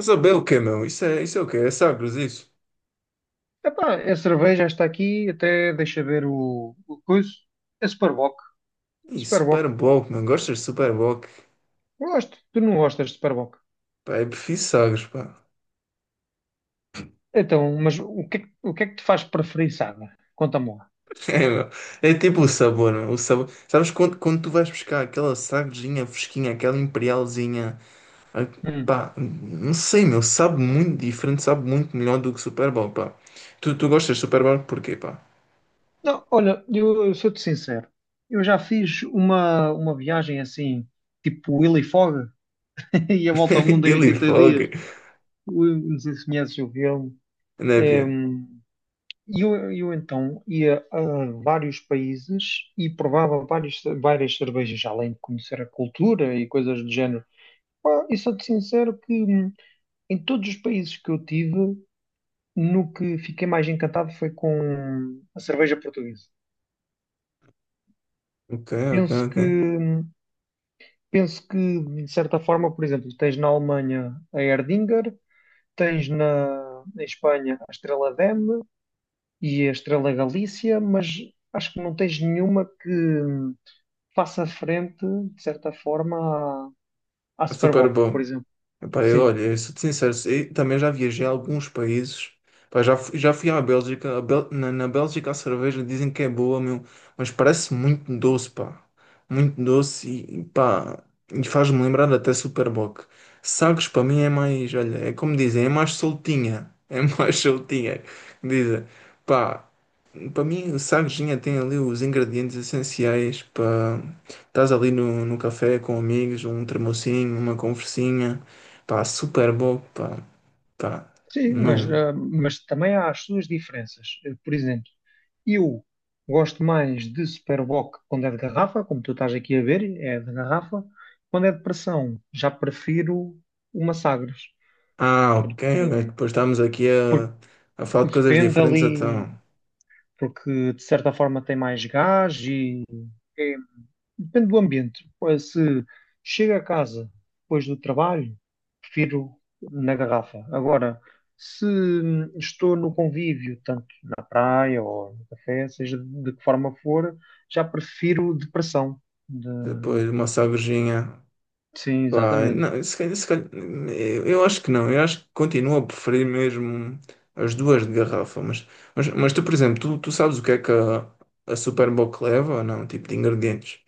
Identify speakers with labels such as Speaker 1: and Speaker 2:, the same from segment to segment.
Speaker 1: Saber o quê, meu? Isso é o quê? É Sagres, isso?
Speaker 2: Epá, a cerveja está aqui, até deixa ver o coisa. A Superboc. A
Speaker 1: Ih,
Speaker 2: Superboc.
Speaker 1: Super Bowl, mano. Gostas de Super Bowl?
Speaker 2: Gosto. Tu não gostas de Superboc.
Speaker 1: Pá, eu prefiro Sagres, pá.
Speaker 2: Então, mas o que é que te faz preferir Saga? Conta-me lá.
Speaker 1: É, meu. É tipo o sabor, meu. O sabor. Sabes quando tu vais buscar aquela Sagresinha fresquinha, aquela Imperialzinha? ah,
Speaker 2: Hum.
Speaker 1: Pá, não sei, meu. Sabe muito diferente, sabe muito melhor do que Super Bowl, pá. Tu gostas de Super Bowl porquê, pá?
Speaker 2: Não, olha, eu sou-te sincero. Eu já fiz uma viagem assim, tipo Willy Fogg, e a volta ao mundo em
Speaker 1: Ele
Speaker 2: 80 dias.
Speaker 1: foge,
Speaker 2: Não sei se conheces o filme.
Speaker 1: né, Pia?
Speaker 2: Hum, E eu então ia a vários países e provava várias cervejas, além de conhecer a cultura e coisas do género. Pá, e sou-te sincero que em todos os países que eu tive, no que fiquei mais encantado foi com a cerveja portuguesa.
Speaker 1: Ok, ok,
Speaker 2: Penso
Speaker 1: ok.
Speaker 2: que, hum, Penso que, de certa forma, por exemplo, tens na Alemanha a Erdinger, tens na Espanha a Estrela Damm e a Estrela Galícia, mas acho que não tens nenhuma que faça frente, de certa forma, à
Speaker 1: Super
Speaker 2: Superboc, por
Speaker 1: Bowl.
Speaker 2: exemplo.
Speaker 1: Epá, eu,
Speaker 2: Sim,
Speaker 1: olha, eu sou-te sincero, e também já viajei a alguns países. Pá, já fui à Bélgica. Na, na Bélgica a cerveja dizem que é boa, meu, mas parece muito doce, pá. Muito doce e, pá, e faz-me lembrar até Superboc. Sagres para mim é mais, olha, é como dizem, é mais soltinha. É mais soltinha, dizem. Pá, para mim, o sardinha tem ali os ingredientes essenciais para estás ali no, no café com amigos, um termocinho, uma conversinha, pá, super bom, pá, pá,
Speaker 2: sim, mas,
Speaker 1: não.
Speaker 2: ah, mas também há as suas diferenças. Por exemplo, eu gosto mais de Superboc quando é de garrafa, como tu estás aqui a ver, é de garrafa. Quando é de pressão, já prefiro uma Sagres,
Speaker 1: Ah, ok, ok,
Speaker 2: porque,
Speaker 1: depois estamos aqui
Speaker 2: porque
Speaker 1: a falar de coisas
Speaker 2: depende
Speaker 1: diferentes,
Speaker 2: ali,
Speaker 1: então,
Speaker 2: porque de certa forma tem mais gás e é depende do ambiente. Pois, se chego a casa depois do trabalho, prefiro na garrafa. Agora, se estou no convívio, tanto na praia ou no café, seja de que forma for, já prefiro de pressão. De-
Speaker 1: depois uma sardinha,
Speaker 2: Sim,
Speaker 1: pá,
Speaker 2: exatamente.
Speaker 1: não, se calhar, se calhar- eu, acho que não, eu acho que continuo a preferir mesmo as duas de garrafa, mas tu, por exemplo, tu sabes o que é que a Super Bowl leva ou não, tipo de ingredientes?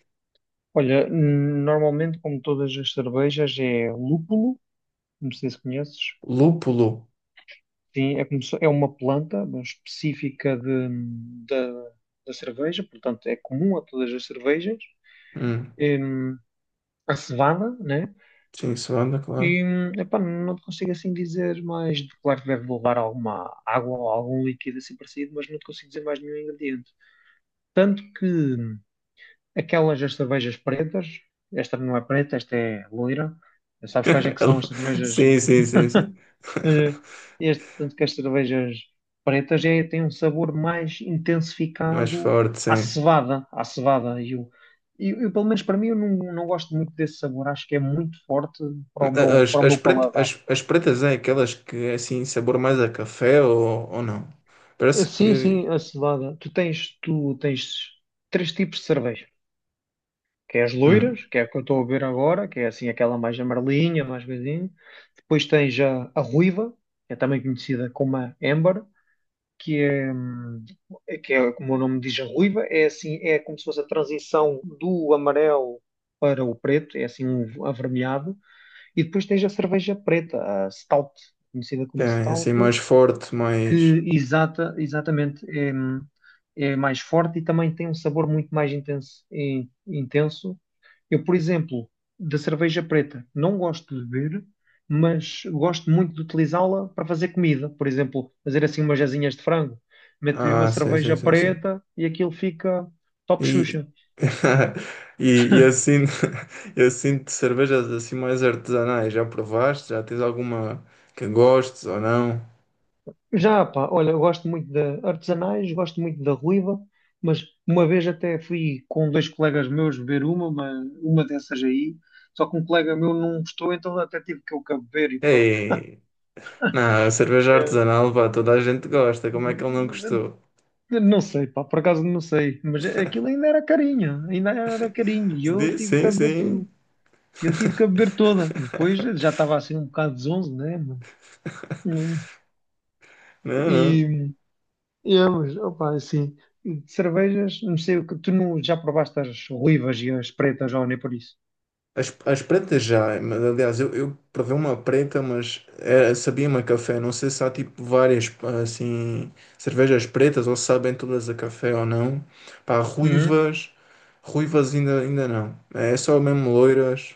Speaker 2: Olha, normalmente, como todas as cervejas, é lúpulo, não sei se conheces.
Speaker 1: Lúpulo.
Speaker 2: Sim, é, como se- é uma planta específica da da cerveja, portanto, é comum a todas as cervejas.
Speaker 1: Hum,
Speaker 2: hum, a cevada, né?
Speaker 1: sim, suada, claro.
Speaker 2: E epá, não te consigo assim dizer mais. Claro que deve levar alguma água ou algum líquido assim parecido, mas não te consigo dizer mais nenhum ingrediente. Tanto que aquelas das cervejas pretas, esta não é preta, esta é loira. Sabes quais é que
Speaker 1: É
Speaker 2: são as
Speaker 1: lu-
Speaker 2: cervejas
Speaker 1: Sim, sim, sim, sim.
Speaker 2: eh, este, tanto que as cervejas pretas é, têm um sabor mais
Speaker 1: Mais
Speaker 2: intensificado
Speaker 1: forte,
Speaker 2: à
Speaker 1: sim.
Speaker 2: cevada, à cevada. Pelo menos para mim, eu não, não gosto muito desse sabor. Acho que é muito forte para
Speaker 1: As,
Speaker 2: para o
Speaker 1: as,
Speaker 2: meu
Speaker 1: pret-
Speaker 2: paladar.
Speaker 1: as, as pretas é aquelas que é assim, sabor mais a café ou não? Parece
Speaker 2: Sim,
Speaker 1: que.
Speaker 2: sim, a cevada. Tu tens três tipos de cerveja. Que é as
Speaker 1: Hum,
Speaker 2: loiras, que é a que eu estou a beber agora, que é assim aquela mais amarelinha, mais coisinha. Depois tens a ruiva, que é também conhecida como a Amber, que é, hum, como o nome diz, a ruiva, é assim, é como se fosse a transição do amarelo para o preto, é assim um avermelhado, e depois tens a cerveja preta, a stout, conhecida
Speaker 1: que
Speaker 2: como
Speaker 1: é
Speaker 2: stout,
Speaker 1: assim, mais forte,
Speaker 2: que
Speaker 1: mais.
Speaker 2: exatamente é, é mais forte e também tem um sabor muito mais intenso, intenso. Eu, por exemplo, da cerveja preta, não gosto de beber, mas gosto muito de utilizá-la para fazer comida. Por exemplo, fazer assim umas asinhas de frango, meto-lhe uma
Speaker 1: Ah, sim, sim,
Speaker 2: cerveja
Speaker 1: sim, sim.
Speaker 2: preta e aquilo fica top
Speaker 1: E.
Speaker 2: Xuxa.
Speaker 1: E, e assim, e assim cervejas assim mais artesanais, já provaste? Já tens alguma que gostes ou não?
Speaker 2: Já, pá, olha, eu gosto muito de artesanais, gosto muito da ruiva, mas uma vez até fui com dois colegas meus beber uma dessas aí, só que um colega meu não gostou, então até tive que eu cá beber e pronto.
Speaker 1: Ei. Não, a cerveja
Speaker 2: É,
Speaker 1: artesanal, pá, toda a gente gosta. Como é que ele não gostou?
Speaker 2: não sei, pá, por acaso não sei, mas aquilo ainda era carinho, e eu
Speaker 1: Diz,
Speaker 2: tive que
Speaker 1: sim,
Speaker 2: a beber tudo,
Speaker 1: sim.
Speaker 2: eu tive que a beber toda. Depois já estava assim um bocado zonzo, né? Mas, hum,
Speaker 1: Não, não.
Speaker 2: e, e é, mas, opa, assim, de cervejas, não sei o que, tu não, já provaste as ruivas e as pretas, ou nem por isso?
Speaker 1: As pretas já, mas aliás, eu provei uma preta, mas era, sabia-me a café. Não sei se há tipo várias assim cervejas pretas ou se sabem todas a café ou não. Pá,
Speaker 2: Hum?
Speaker 1: ruivas, ainda, ainda não. É só mesmo loiras.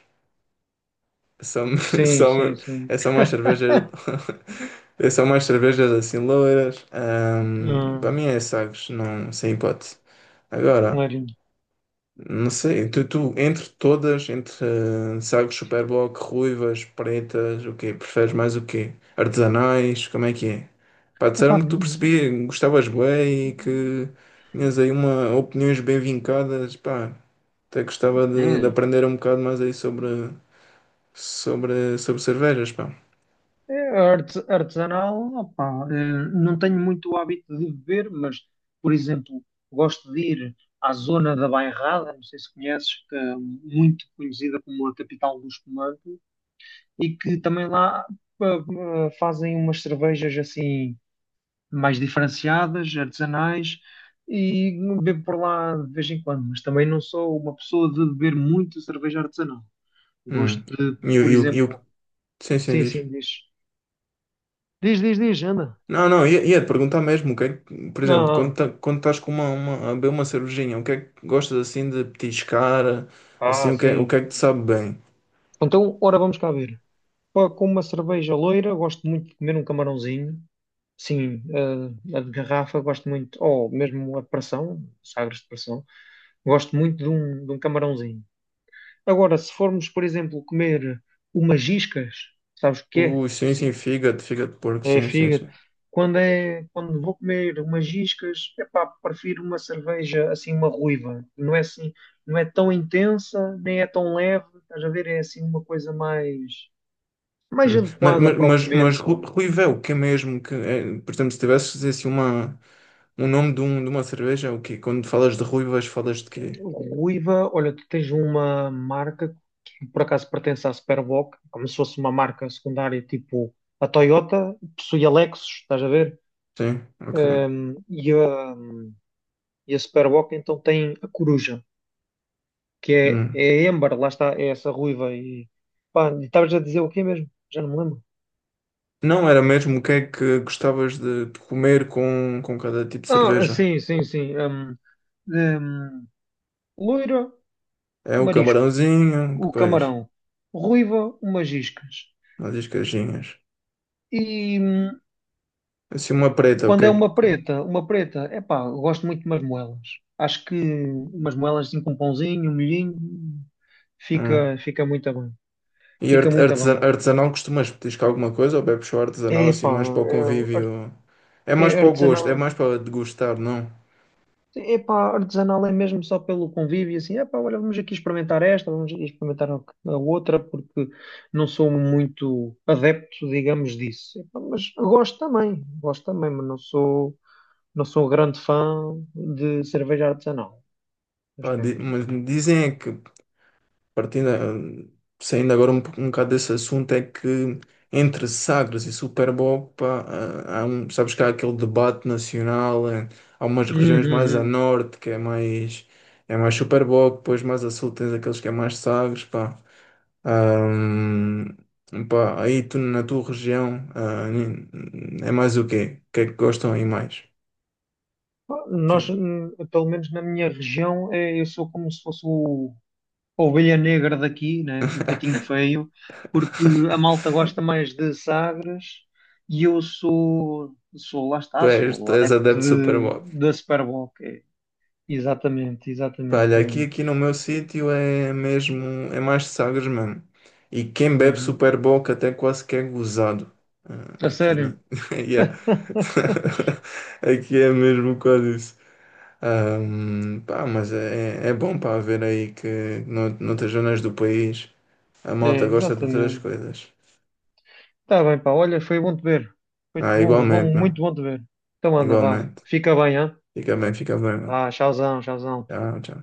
Speaker 1: São,
Speaker 2: Sim,
Speaker 1: são,
Speaker 2: sim, sim.
Speaker 1: é só mais cervejas. É só mais cervejas assim loiras. Para
Speaker 2: Hum,
Speaker 1: mim é Sagres, não, sem hipótese. Agora,
Speaker 2: clarinho.
Speaker 1: não sei, tu, entre todas, entre Sagres, Superboc, ruivas, pretas, o quê? Preferes mais o quê? Artesanais, como é que é? Pá,
Speaker 2: Epá,
Speaker 1: disseram-me que tu percebias, gostavas bem e que tinhas aí uma opiniões bem vincadas. Pá, até gostava de
Speaker 2: é,
Speaker 1: aprender um bocado mais aí sobre, sobre, sobre cervejas, pá.
Speaker 2: é, artesanal, opá, não tenho muito o hábito de beber, mas, por exemplo, gosto de ir à zona da Bairrada, não sei se conheces, que é muito conhecida como a capital do espumante, e que também lá fazem umas cervejas assim mais diferenciadas, artesanais, e bebo por lá de vez em quando, mas também não sou uma pessoa de beber muito cerveja artesanal.
Speaker 1: Hum.
Speaker 2: Gosto de,
Speaker 1: E o.
Speaker 2: por
Speaker 1: e o- e o-
Speaker 2: exemplo,
Speaker 1: Sim, sim,
Speaker 2: sim,
Speaker 1: diz.
Speaker 2: sim, diz, anda.
Speaker 1: Não, não, ia te perguntar mesmo, o que é que, por
Speaker 2: Não,
Speaker 1: exemplo,
Speaker 2: não.
Speaker 1: quando estás com uma, a beber uma cervejinha, o que é que gostas assim de petiscar, assim,
Speaker 2: Ah,
Speaker 1: o
Speaker 2: sim.
Speaker 1: que é que te sabe bem?
Speaker 2: Então, ora, vamos cá ver. Pá, com uma cerveja loira, gosto muito de comer um camarãozinho. Sim, a de garrafa, gosto muito, ou mesmo a de pressão, sagres de pressão, gosto muito de de um camarãozinho. Agora, se formos, por exemplo, comer umas iscas, sabes o que é?
Speaker 1: Ui, sim,
Speaker 2: Assim,
Speaker 1: sim, fígado, fígado de porco,
Speaker 2: é
Speaker 1: sim, sim,
Speaker 2: fígado.
Speaker 1: sim.
Speaker 2: Quando vou comer umas iscas, epá, prefiro uma cerveja assim, uma ruiva. Não é assim, não é tão intensa, nem é tão leve, estás a ver? É assim uma coisa mais, mais
Speaker 1: Hum. Mas,
Speaker 2: adequada
Speaker 1: mas,
Speaker 2: para o
Speaker 1: mas,
Speaker 2: momento.
Speaker 1: mas Ruivel, o que é mesmo que, é, por exemplo, se tivesses assim uma, um nome de, um, de uma cerveja, é o quê? Quando falas de ruivas, falas de quê?
Speaker 2: Ruiva, olha, tu tens uma marca que por acaso pertence à Superboc, como se fosse uma marca secundária, tipo a Toyota, possui a Lexus, estás a ver?
Speaker 1: Sim, ok.
Speaker 2: Ehm, e a, e a Superboc então tem a Coruja,
Speaker 1: Hum.
Speaker 2: é a Amber, lá está, é essa ruiva. E pá, e estavas a dizer o quê mesmo? Já não me lembro.
Speaker 1: Não, era mesmo o que é que gostavas de comer com cada tipo de
Speaker 2: Ah,
Speaker 1: cerveja.
Speaker 2: sim, sim, sim. Hum, loira,
Speaker 1: É o
Speaker 2: marisco,
Speaker 1: camarãozinho, que
Speaker 2: o
Speaker 1: pois,
Speaker 2: camarão. Ruiva, umas iscas.
Speaker 1: umas iscajinhas.
Speaker 2: E
Speaker 1: Assim uma preta, o
Speaker 2: quando
Speaker 1: que
Speaker 2: é
Speaker 1: é que...
Speaker 2: uma preta, é pá, gosto muito de umas moelas. Acho que umas moelas assim com um pãozinho, um molhinho,
Speaker 1: Hum.
Speaker 2: fica, fica muito bem.
Speaker 1: E
Speaker 2: Fica muito bem.
Speaker 1: artesanal costumas petiscar alguma coisa ou bebes só
Speaker 2: É
Speaker 1: artesanal assim
Speaker 2: pá,
Speaker 1: mais para o
Speaker 2: é,
Speaker 1: convívio? É
Speaker 2: é
Speaker 1: mais para o gosto,
Speaker 2: artesanal.
Speaker 1: é mais para degustar, não?
Speaker 2: É artesanal é mesmo só pelo convívio, assim, é pá, olha, vamos aqui experimentar esta, vamos aqui experimentar a outra, porque não sou muito adepto, digamos, disso. Epá, mas gosto também, mas não sou, não sou grande fã de cerveja artesanal.
Speaker 1: Pá,
Speaker 2: Mas pronto.
Speaker 1: mas dizem é que partindo, ah, saindo agora um, um bocado desse assunto, é que entre Sagres e Super Bowl, pá, há um, sabes que há aquele debate nacional, há umas regiões mais a
Speaker 2: Uhum,
Speaker 1: norte que é mais Super Bowl, depois mais a sul tens aqueles que é mais Sagres, pá. Pá, aí tu na tua região, é mais o quê? O que é que gostam aí mais?
Speaker 2: uhum.
Speaker 1: Tu,
Speaker 2: Nós, pelo menos na minha região, eu sou como se fosse a ovelha negra daqui, né? O patinho feio, porque a malta gosta mais de Sagres e sou lá
Speaker 1: tu
Speaker 2: está,
Speaker 1: és,
Speaker 2: sou
Speaker 1: tu és adepto
Speaker 2: adepto
Speaker 1: de Super
Speaker 2: de,
Speaker 1: Bowl.
Speaker 2: da Super Bowl. Exatamente,
Speaker 1: Pá,
Speaker 2: exatamente.
Speaker 1: olha,
Speaker 2: É.
Speaker 1: aqui, aqui no meu sítio é mesmo, é mais Sagres mesmo. E quem bebe
Speaker 2: Uhum.
Speaker 1: Super Bock até quase que é gozado. Ah,
Speaker 2: A
Speaker 1: aqui, né?
Speaker 2: sério?
Speaker 1: Yeah. Aqui é mesmo quase isso. Pá, mas é, é bom para ver aí que noutras zonas do país a
Speaker 2: É,
Speaker 1: malta gosta de outras
Speaker 2: exatamente.
Speaker 1: coisas.
Speaker 2: Tá bem, pá. Olha, foi bom te ver. Foi
Speaker 1: Ah,
Speaker 2: bom, bom,
Speaker 1: igualmente, meu.
Speaker 2: muito bom te ver. Então anda, vá.
Speaker 1: Igualmente.
Speaker 2: Fica bem, hã?
Speaker 1: Fica bem, mano.
Speaker 2: Ah, tchauzão, tchauzão.
Speaker 1: Tchau, tchau.